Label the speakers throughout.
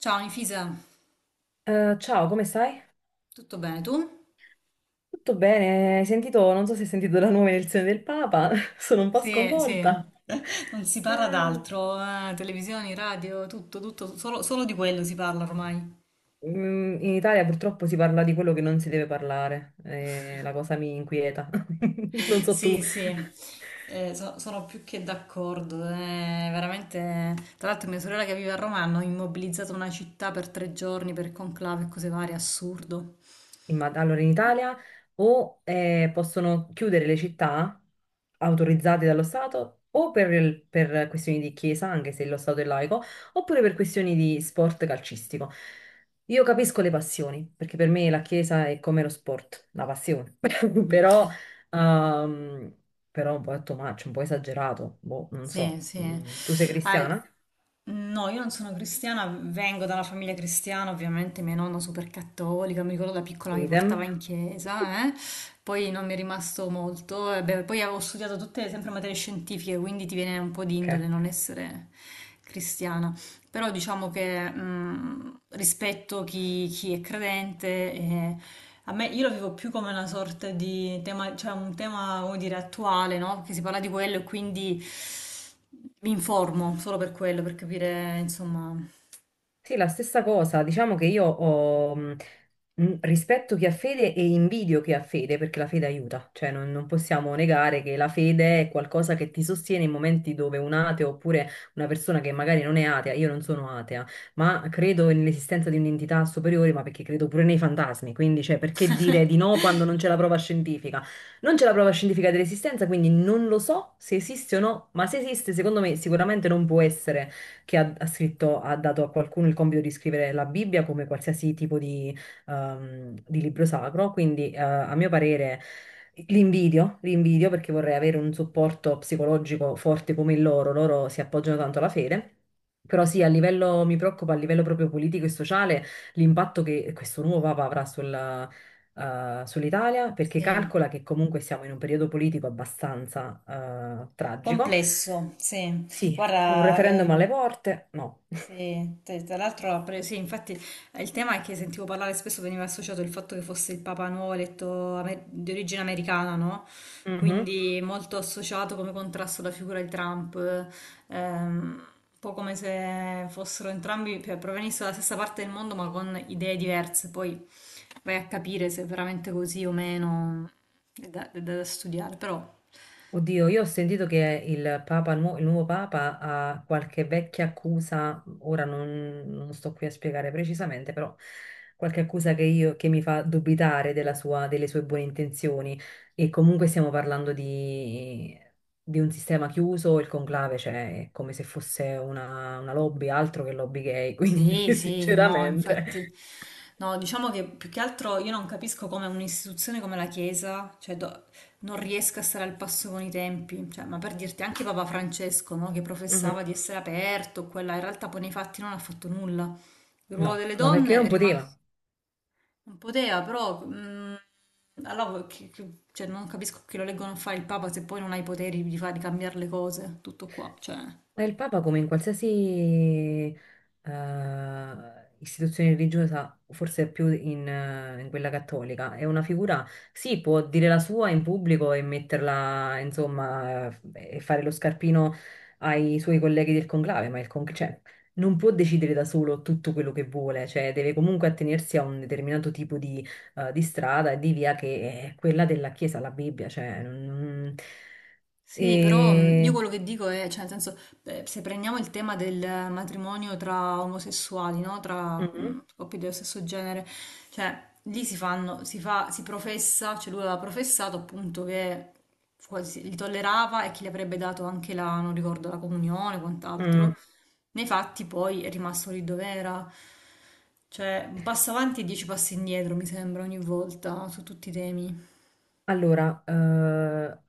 Speaker 1: Ciao Infisa,
Speaker 2: Ciao, come stai?
Speaker 1: tutto bene tu?
Speaker 2: Tutto bene? Hai sentito, non so se hai sentito la nuova elezione del Papa, sono un po'
Speaker 1: Sì, sì,
Speaker 2: sconvolta.
Speaker 1: non si parla
Speaker 2: Ah.
Speaker 1: d'altro, televisioni, radio, tutto, tutto, solo, solo di quello si parla ormai.
Speaker 2: In Italia purtroppo si parla di quello che non si deve parlare, la cosa mi inquieta. Non so tu.
Speaker 1: Sì, sì, sono più che d'accordo, veramente. Tra l'altro mia sorella che vive a Roma hanno immobilizzato una città per 3 giorni per conclave e cose varie, assurdo.
Speaker 2: Allora, in Italia o possono chiudere le città autorizzate dallo Stato o per questioni di chiesa, anche se lo Stato è laico, oppure per questioni di sport calcistico. Io capisco le passioni, perché per me la chiesa è come lo sport, la passione, però, ehm, però un po' è too much, un po' esagerato, boh, non
Speaker 1: Sì,
Speaker 2: so.
Speaker 1: sì.
Speaker 2: Tu sei
Speaker 1: Ah,
Speaker 2: cristiana?
Speaker 1: no, io non sono cristiana, vengo da una famiglia cristiana, ovviamente mia nonna super cattolica, mi ricordo da piccola mi portava
Speaker 2: Idem.
Speaker 1: in chiesa, eh. Poi non mi è rimasto molto, e beh, poi avevo studiato tutte sempre materie scientifiche, quindi ti viene un po' di
Speaker 2: Ok.
Speaker 1: indole non essere cristiana. Però diciamo che rispetto chi è credente, a me io lo vivo più come una sorta di tema, cioè un tema, come dire, attuale, no? Perché si parla di quello e quindi mi informo solo per quello, per capire, insomma.
Speaker 2: Sì, la stessa cosa, diciamo che io ho rispetto chi ha fede e invidio chi ha fede, perché la fede aiuta, cioè non possiamo negare che la fede è qualcosa che ti sostiene in momenti dove un ateo oppure una persona che magari non è atea, io non sono atea, ma credo nell'esistenza di un'entità superiore, ma perché credo pure nei fantasmi, quindi cioè, perché dire di no quando non c'è la prova scientifica? Non c'è la prova scientifica dell'esistenza, quindi non lo so se esiste o no, ma se esiste, secondo me sicuramente non può essere ha scritto, ha dato a qualcuno il compito di scrivere la Bibbia come qualsiasi tipo di libro sacro. Quindi, a mio parere, l'invidio, l'invidio perché vorrei avere un supporto psicologico forte come il loro. Loro si appoggiano tanto alla fede. Però sì, a livello, mi preoccupa a livello proprio politico e sociale l'impatto che questo nuovo Papa avrà sulla, sull'Italia, perché
Speaker 1: Sì.
Speaker 2: calcola che comunque siamo in un periodo politico abbastanza tragico,
Speaker 1: Complesso, sì.
Speaker 2: sì, un
Speaker 1: Guarda,
Speaker 2: referendum alle porte? No.
Speaker 1: Tra l'altro, sì, infatti il tema è che sentivo parlare spesso, veniva associato il fatto che fosse il Papa nuovo di origine americana, no?
Speaker 2: Mhm.
Speaker 1: Quindi molto associato come contrasto alla figura di Trump, ehm, un po' come se fossero entrambi, cioè, provenissero dalla stessa parte del mondo ma con idee diverse, poi vai a capire se è veramente così o meno, è da studiare, però.
Speaker 2: Oddio, io ho sentito che il nuovo Papa ha qualche vecchia accusa, ora non sto qui a spiegare precisamente, però qualche accusa che mi fa dubitare delle sue buone intenzioni. E comunque stiamo parlando di un sistema chiuso, il conclave, cioè è come se fosse una lobby, altro che lobby gay, quindi
Speaker 1: Sì, sì, no, infatti,
Speaker 2: sinceramente.
Speaker 1: no, diciamo che più che altro io non capisco come un'istituzione come la Chiesa non riesca a stare al passo con i tempi, cioè, ma per dirti anche Papa Francesco, no, che
Speaker 2: Mhm.
Speaker 1: professava di essere aperto, quella, in realtà poi nei fatti non ha fatto nulla. Il ruolo
Speaker 2: No,
Speaker 1: delle
Speaker 2: ma perché
Speaker 1: donne è
Speaker 2: non poteva?
Speaker 1: rimasto, non poteva, però, allora, cioè, non capisco che lo leggono a fare il Papa se poi non ha i poteri di fare, di cambiare le cose, tutto qua, cioè.
Speaker 2: Ma il Papa, come in qualsiasi istituzione religiosa, forse più in, in quella cattolica, è una figura, sì, può dire la sua in pubblico e metterla, insomma, e fare lo scarpino ai suoi colleghi del conclave, cioè, non può decidere da solo tutto quello che vuole, cioè deve comunque attenersi a un determinato tipo di strada e di via che è quella della Chiesa, la Bibbia, cioè... non-
Speaker 1: Sì, però io
Speaker 2: E...
Speaker 1: quello che dico è, cioè, nel senso, beh, se prendiamo il tema del matrimonio tra omosessuali, no? Tra
Speaker 2: Mhm,
Speaker 1: coppie dello stesso genere, cioè, lì si fanno, si fa, si professa, cioè lui aveva professato appunto che quasi li tollerava e che gli avrebbe dato anche la, non ricordo, la comunione o quant'altro.
Speaker 2: mm.
Speaker 1: Nei fatti poi è rimasto lì dove era. Cioè, un passo avanti e dieci passi indietro, mi sembra, ogni volta, su tutti i temi.
Speaker 2: Allora,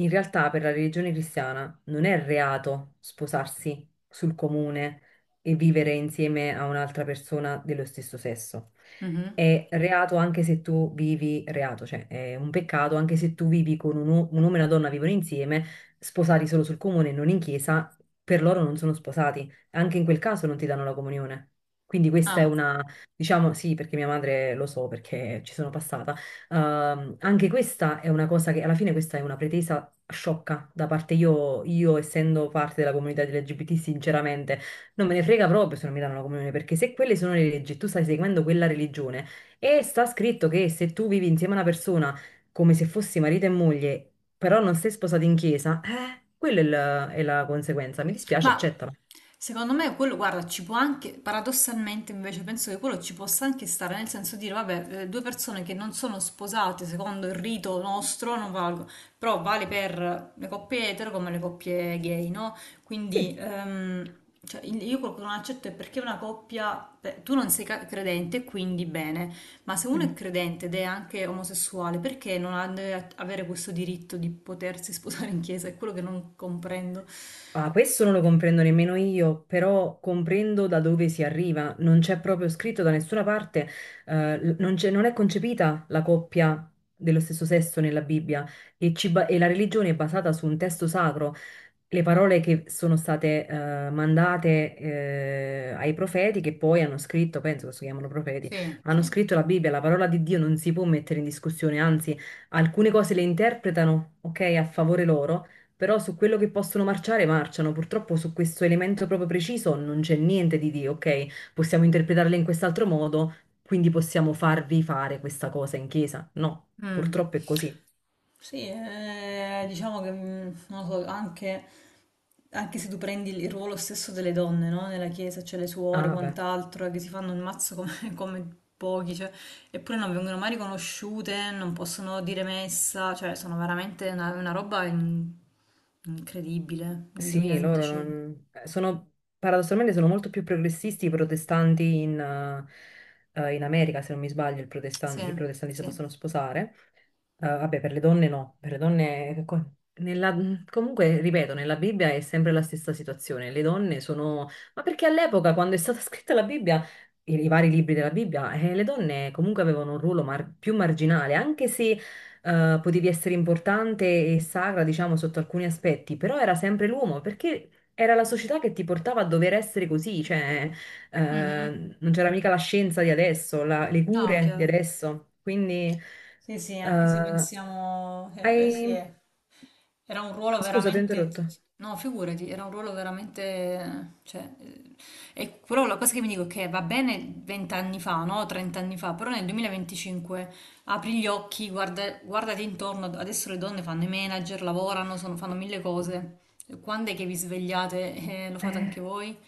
Speaker 2: in realtà per la religione cristiana non è reato sposarsi sul comune e vivere insieme a un'altra persona dello stesso sesso.
Speaker 1: Mhm.
Speaker 2: È reato anche se tu vivi, reato, cioè è un peccato anche se tu vivi con un uomo e una donna vivono insieme, sposati solo sul comune e non in chiesa, per loro non sono sposati. Anche in quel caso non ti danno la comunione. Quindi questa è
Speaker 1: Ah.
Speaker 2: una, diciamo, sì, perché mia madre lo so, perché ci sono passata. Anche questa è una cosa che alla fine questa è una pretesa sciocca da parte io essendo parte della comunità LGBT, sinceramente non me ne frega proprio se non mi danno la comunione, perché se quelle sono le leggi, e tu stai seguendo quella religione e sta scritto che se tu vivi insieme a una persona come se fossi marito e moglie, però non sei sposato in chiesa, quella è è la conseguenza. Mi dispiace,
Speaker 1: Ma
Speaker 2: accettala.
Speaker 1: secondo me quello, guarda, ci può anche, paradossalmente invece penso che quello ci possa anche stare, nel senso dire, vabbè, due persone che non sono sposate secondo il rito nostro non valgono, però vale per le coppie etero come le coppie gay, no? Quindi
Speaker 2: Sì.
Speaker 1: cioè, io quello che non accetto è perché una coppia, beh, tu non sei credente, quindi bene, ma se uno è
Speaker 2: Mhm.
Speaker 1: credente ed è anche omosessuale, perché non ha- deve avere questo diritto di potersi sposare in chiesa? È quello che non comprendo.
Speaker 2: Ah, questo non lo comprendo nemmeno io, però comprendo da dove si arriva. Non c'è proprio scritto da nessuna parte, non c'è- non è concepita la coppia dello stesso sesso nella Bibbia e, e la religione è basata su un testo sacro. Le parole che sono state mandate ai profeti, che poi hanno scritto, penso che si chiamano profeti,
Speaker 1: Sì,
Speaker 2: hanno
Speaker 1: sì.
Speaker 2: scritto la Bibbia, la parola di Dio non si può mettere in discussione, anzi, alcune cose le interpretano, ok, a favore loro, però su quello che possono marciare, marciano. Purtroppo su questo elemento proprio preciso non c'è niente di, ok, possiamo interpretarle in quest'altro modo, quindi possiamo farvi fare questa cosa in chiesa. No,
Speaker 1: Mm.
Speaker 2: purtroppo è così.
Speaker 1: Sì, diciamo che non lo so, anche, anche se tu prendi il ruolo stesso delle donne, no? Nella chiesa c'è le suore,
Speaker 2: Ah, beh,
Speaker 1: quant'altro, che si fanno il mazzo come, come pochi, cioè, eppure non vengono mai riconosciute, non possono dire messa, cioè sono veramente una roba incredibile nel
Speaker 2: sì, loro
Speaker 1: 2025.
Speaker 2: non... sono, paradossalmente sono molto più progressisti i protestanti in, in America, se non mi sbaglio,
Speaker 1: Sì,
Speaker 2: i protestanti si
Speaker 1: sì.
Speaker 2: possono sposare. Ah, vabbè, per le donne no, per le donne... comunque, ripeto, nella Bibbia è sempre la stessa situazione. Le donne sono... Ma perché all'epoca, quando è stata scritta la Bibbia, i vari libri della Bibbia, le donne comunque avevano un ruolo più marginale, anche se potevi essere importante e sacra, diciamo, sotto alcuni aspetti, però era sempre l'uomo, perché era la società che ti portava a dover essere così, cioè
Speaker 1: Mhm.
Speaker 2: non c'era mica la scienza di adesso, le
Speaker 1: No,
Speaker 2: cure di
Speaker 1: chiaro.
Speaker 2: adesso, quindi...
Speaker 1: Sì, sì, anche se
Speaker 2: Eh,
Speaker 1: pensiamo, beh, sì,
Speaker 2: hai...
Speaker 1: era un ruolo
Speaker 2: ah, scusa, ti ho
Speaker 1: veramente,
Speaker 2: interrotto,
Speaker 1: no, figurati, era un ruolo veramente, cioè, e però la cosa che mi dico è che va bene 20 anni fa, no, 30 anni fa, però nel 2025 apri gli occhi, guarda, guardati intorno, adesso le donne fanno i manager, lavorano, fanno mille cose, quando è che vi svegliate e lo fate anche voi?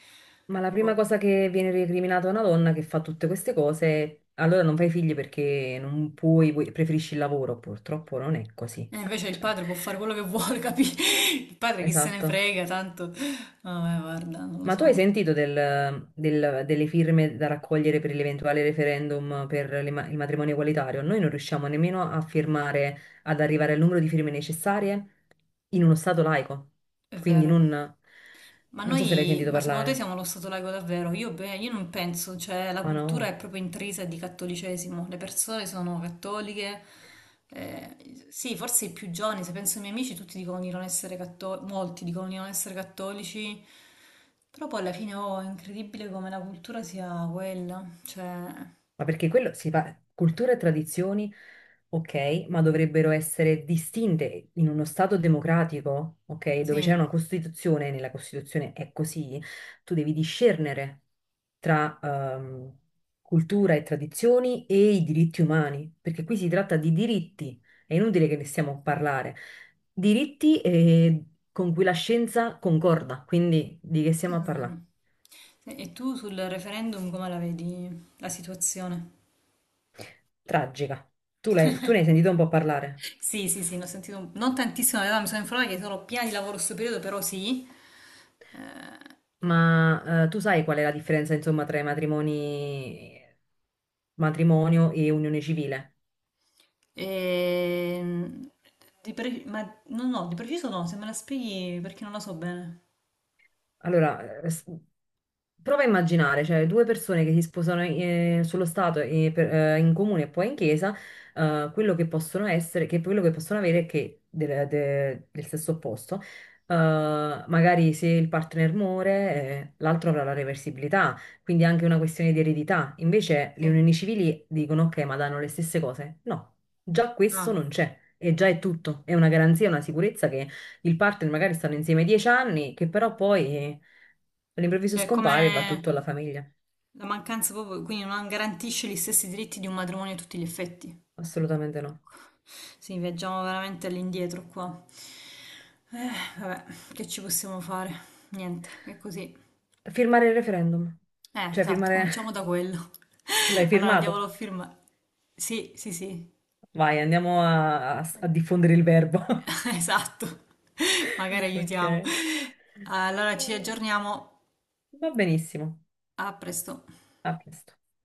Speaker 2: ma la prima
Speaker 1: Boh.
Speaker 2: cosa che viene recriminata a una donna che fa tutte queste cose, allora non fai figli perché non puoi, preferisci il lavoro, purtroppo non è così.
Speaker 1: E invece il
Speaker 2: Cioè,
Speaker 1: padre può fare quello che vuole, capito? Il padre chi se ne
Speaker 2: esatto.
Speaker 1: frega, tanto... Vabbè, guarda, non lo
Speaker 2: Ma tu hai
Speaker 1: so,
Speaker 2: sentito delle firme da raccogliere per l'eventuale referendum per le il matrimonio egualitario? Noi non riusciamo nemmeno a firmare, ad arrivare al numero di firme necessarie in uno stato laico.
Speaker 1: è
Speaker 2: Quindi
Speaker 1: vero.
Speaker 2: non...
Speaker 1: Ma
Speaker 2: Non so se l'hai
Speaker 1: noi,
Speaker 2: sentito
Speaker 1: ma secondo te
Speaker 2: parlare.
Speaker 1: siamo lo Stato laico davvero? Io, beh, io non penso, cioè la
Speaker 2: Ma
Speaker 1: cultura
Speaker 2: no,
Speaker 1: è proprio intrisa di cattolicesimo, le persone sono cattoliche, sì, forse i più giovani, se penso ai miei amici, tutti dicono di non essere cattolici, molti dicono di non essere cattolici, però poi alla fine oh, è incredibile come la cultura sia quella, cioè,
Speaker 2: ma perché quello si fa, cultura e tradizioni, ok, ma dovrebbero essere distinte in uno Stato democratico, ok, dove c'è
Speaker 1: sì.
Speaker 2: una Costituzione, nella Costituzione è così, tu devi discernere tra cultura e tradizioni e i diritti umani, perché qui si tratta di diritti, è inutile che ne stiamo a parlare, diritti con cui la scienza concorda, quindi di che
Speaker 1: È
Speaker 2: stiamo a
Speaker 1: vero.
Speaker 2: parlare?
Speaker 1: Sì, e tu sul referendum come la vedi la situazione?
Speaker 2: Tragica. Tu, tu ne hai sentito un po' parlare?
Speaker 1: Sì, sì, sì, ne ho sentito non tantissimo, in realtà mi sono informata che sono piena di lavoro in questo periodo, però sì. Eh,
Speaker 2: Ma tu sai qual è la differenza, insomma, tra matrimonio e unione civile?
Speaker 1: ehm, di pre- ma no, no, di preciso no, se me la spieghi perché non la so bene.
Speaker 2: Allora, prova a immaginare, cioè due persone che si sposano sullo Stato e in comune e poi in chiesa, quello che possono essere, che quello che possono avere è che del, del sesso opposto, magari se il partner muore, l'altro avrà la reversibilità, quindi è anche una questione di eredità. Invece le
Speaker 1: Sì.
Speaker 2: unioni civili dicono ok, ma danno le stesse cose. No, già questo
Speaker 1: Ah,
Speaker 2: non c'è e già è tutto, è una garanzia, una sicurezza, il partner magari stanno insieme 10 anni, che però poi all'improvviso
Speaker 1: cioè
Speaker 2: scompare e va tutto
Speaker 1: come
Speaker 2: alla famiglia.
Speaker 1: la mancanza proprio, quindi non garantisce gli stessi diritti di un matrimonio a tutti gli effetti.
Speaker 2: Assolutamente no.
Speaker 1: Sì, viaggiamo veramente all'indietro qua. Eh, vabbè, che ci possiamo fare? Niente, è così.
Speaker 2: Firmare il referendum. Cioè,
Speaker 1: Esatto, cominciamo
Speaker 2: firmare...
Speaker 1: da quello.
Speaker 2: L'hai
Speaker 1: Allora andiamolo
Speaker 2: firmato?
Speaker 1: a firmare. Sì, sì, sì.
Speaker 2: Vai, andiamo a, a diffondere il verbo.
Speaker 1: Esatto. Magari
Speaker 2: Ok.
Speaker 1: aiutiamo. Allora ci aggiorniamo.
Speaker 2: Va benissimo.
Speaker 1: A presto.
Speaker 2: A presto.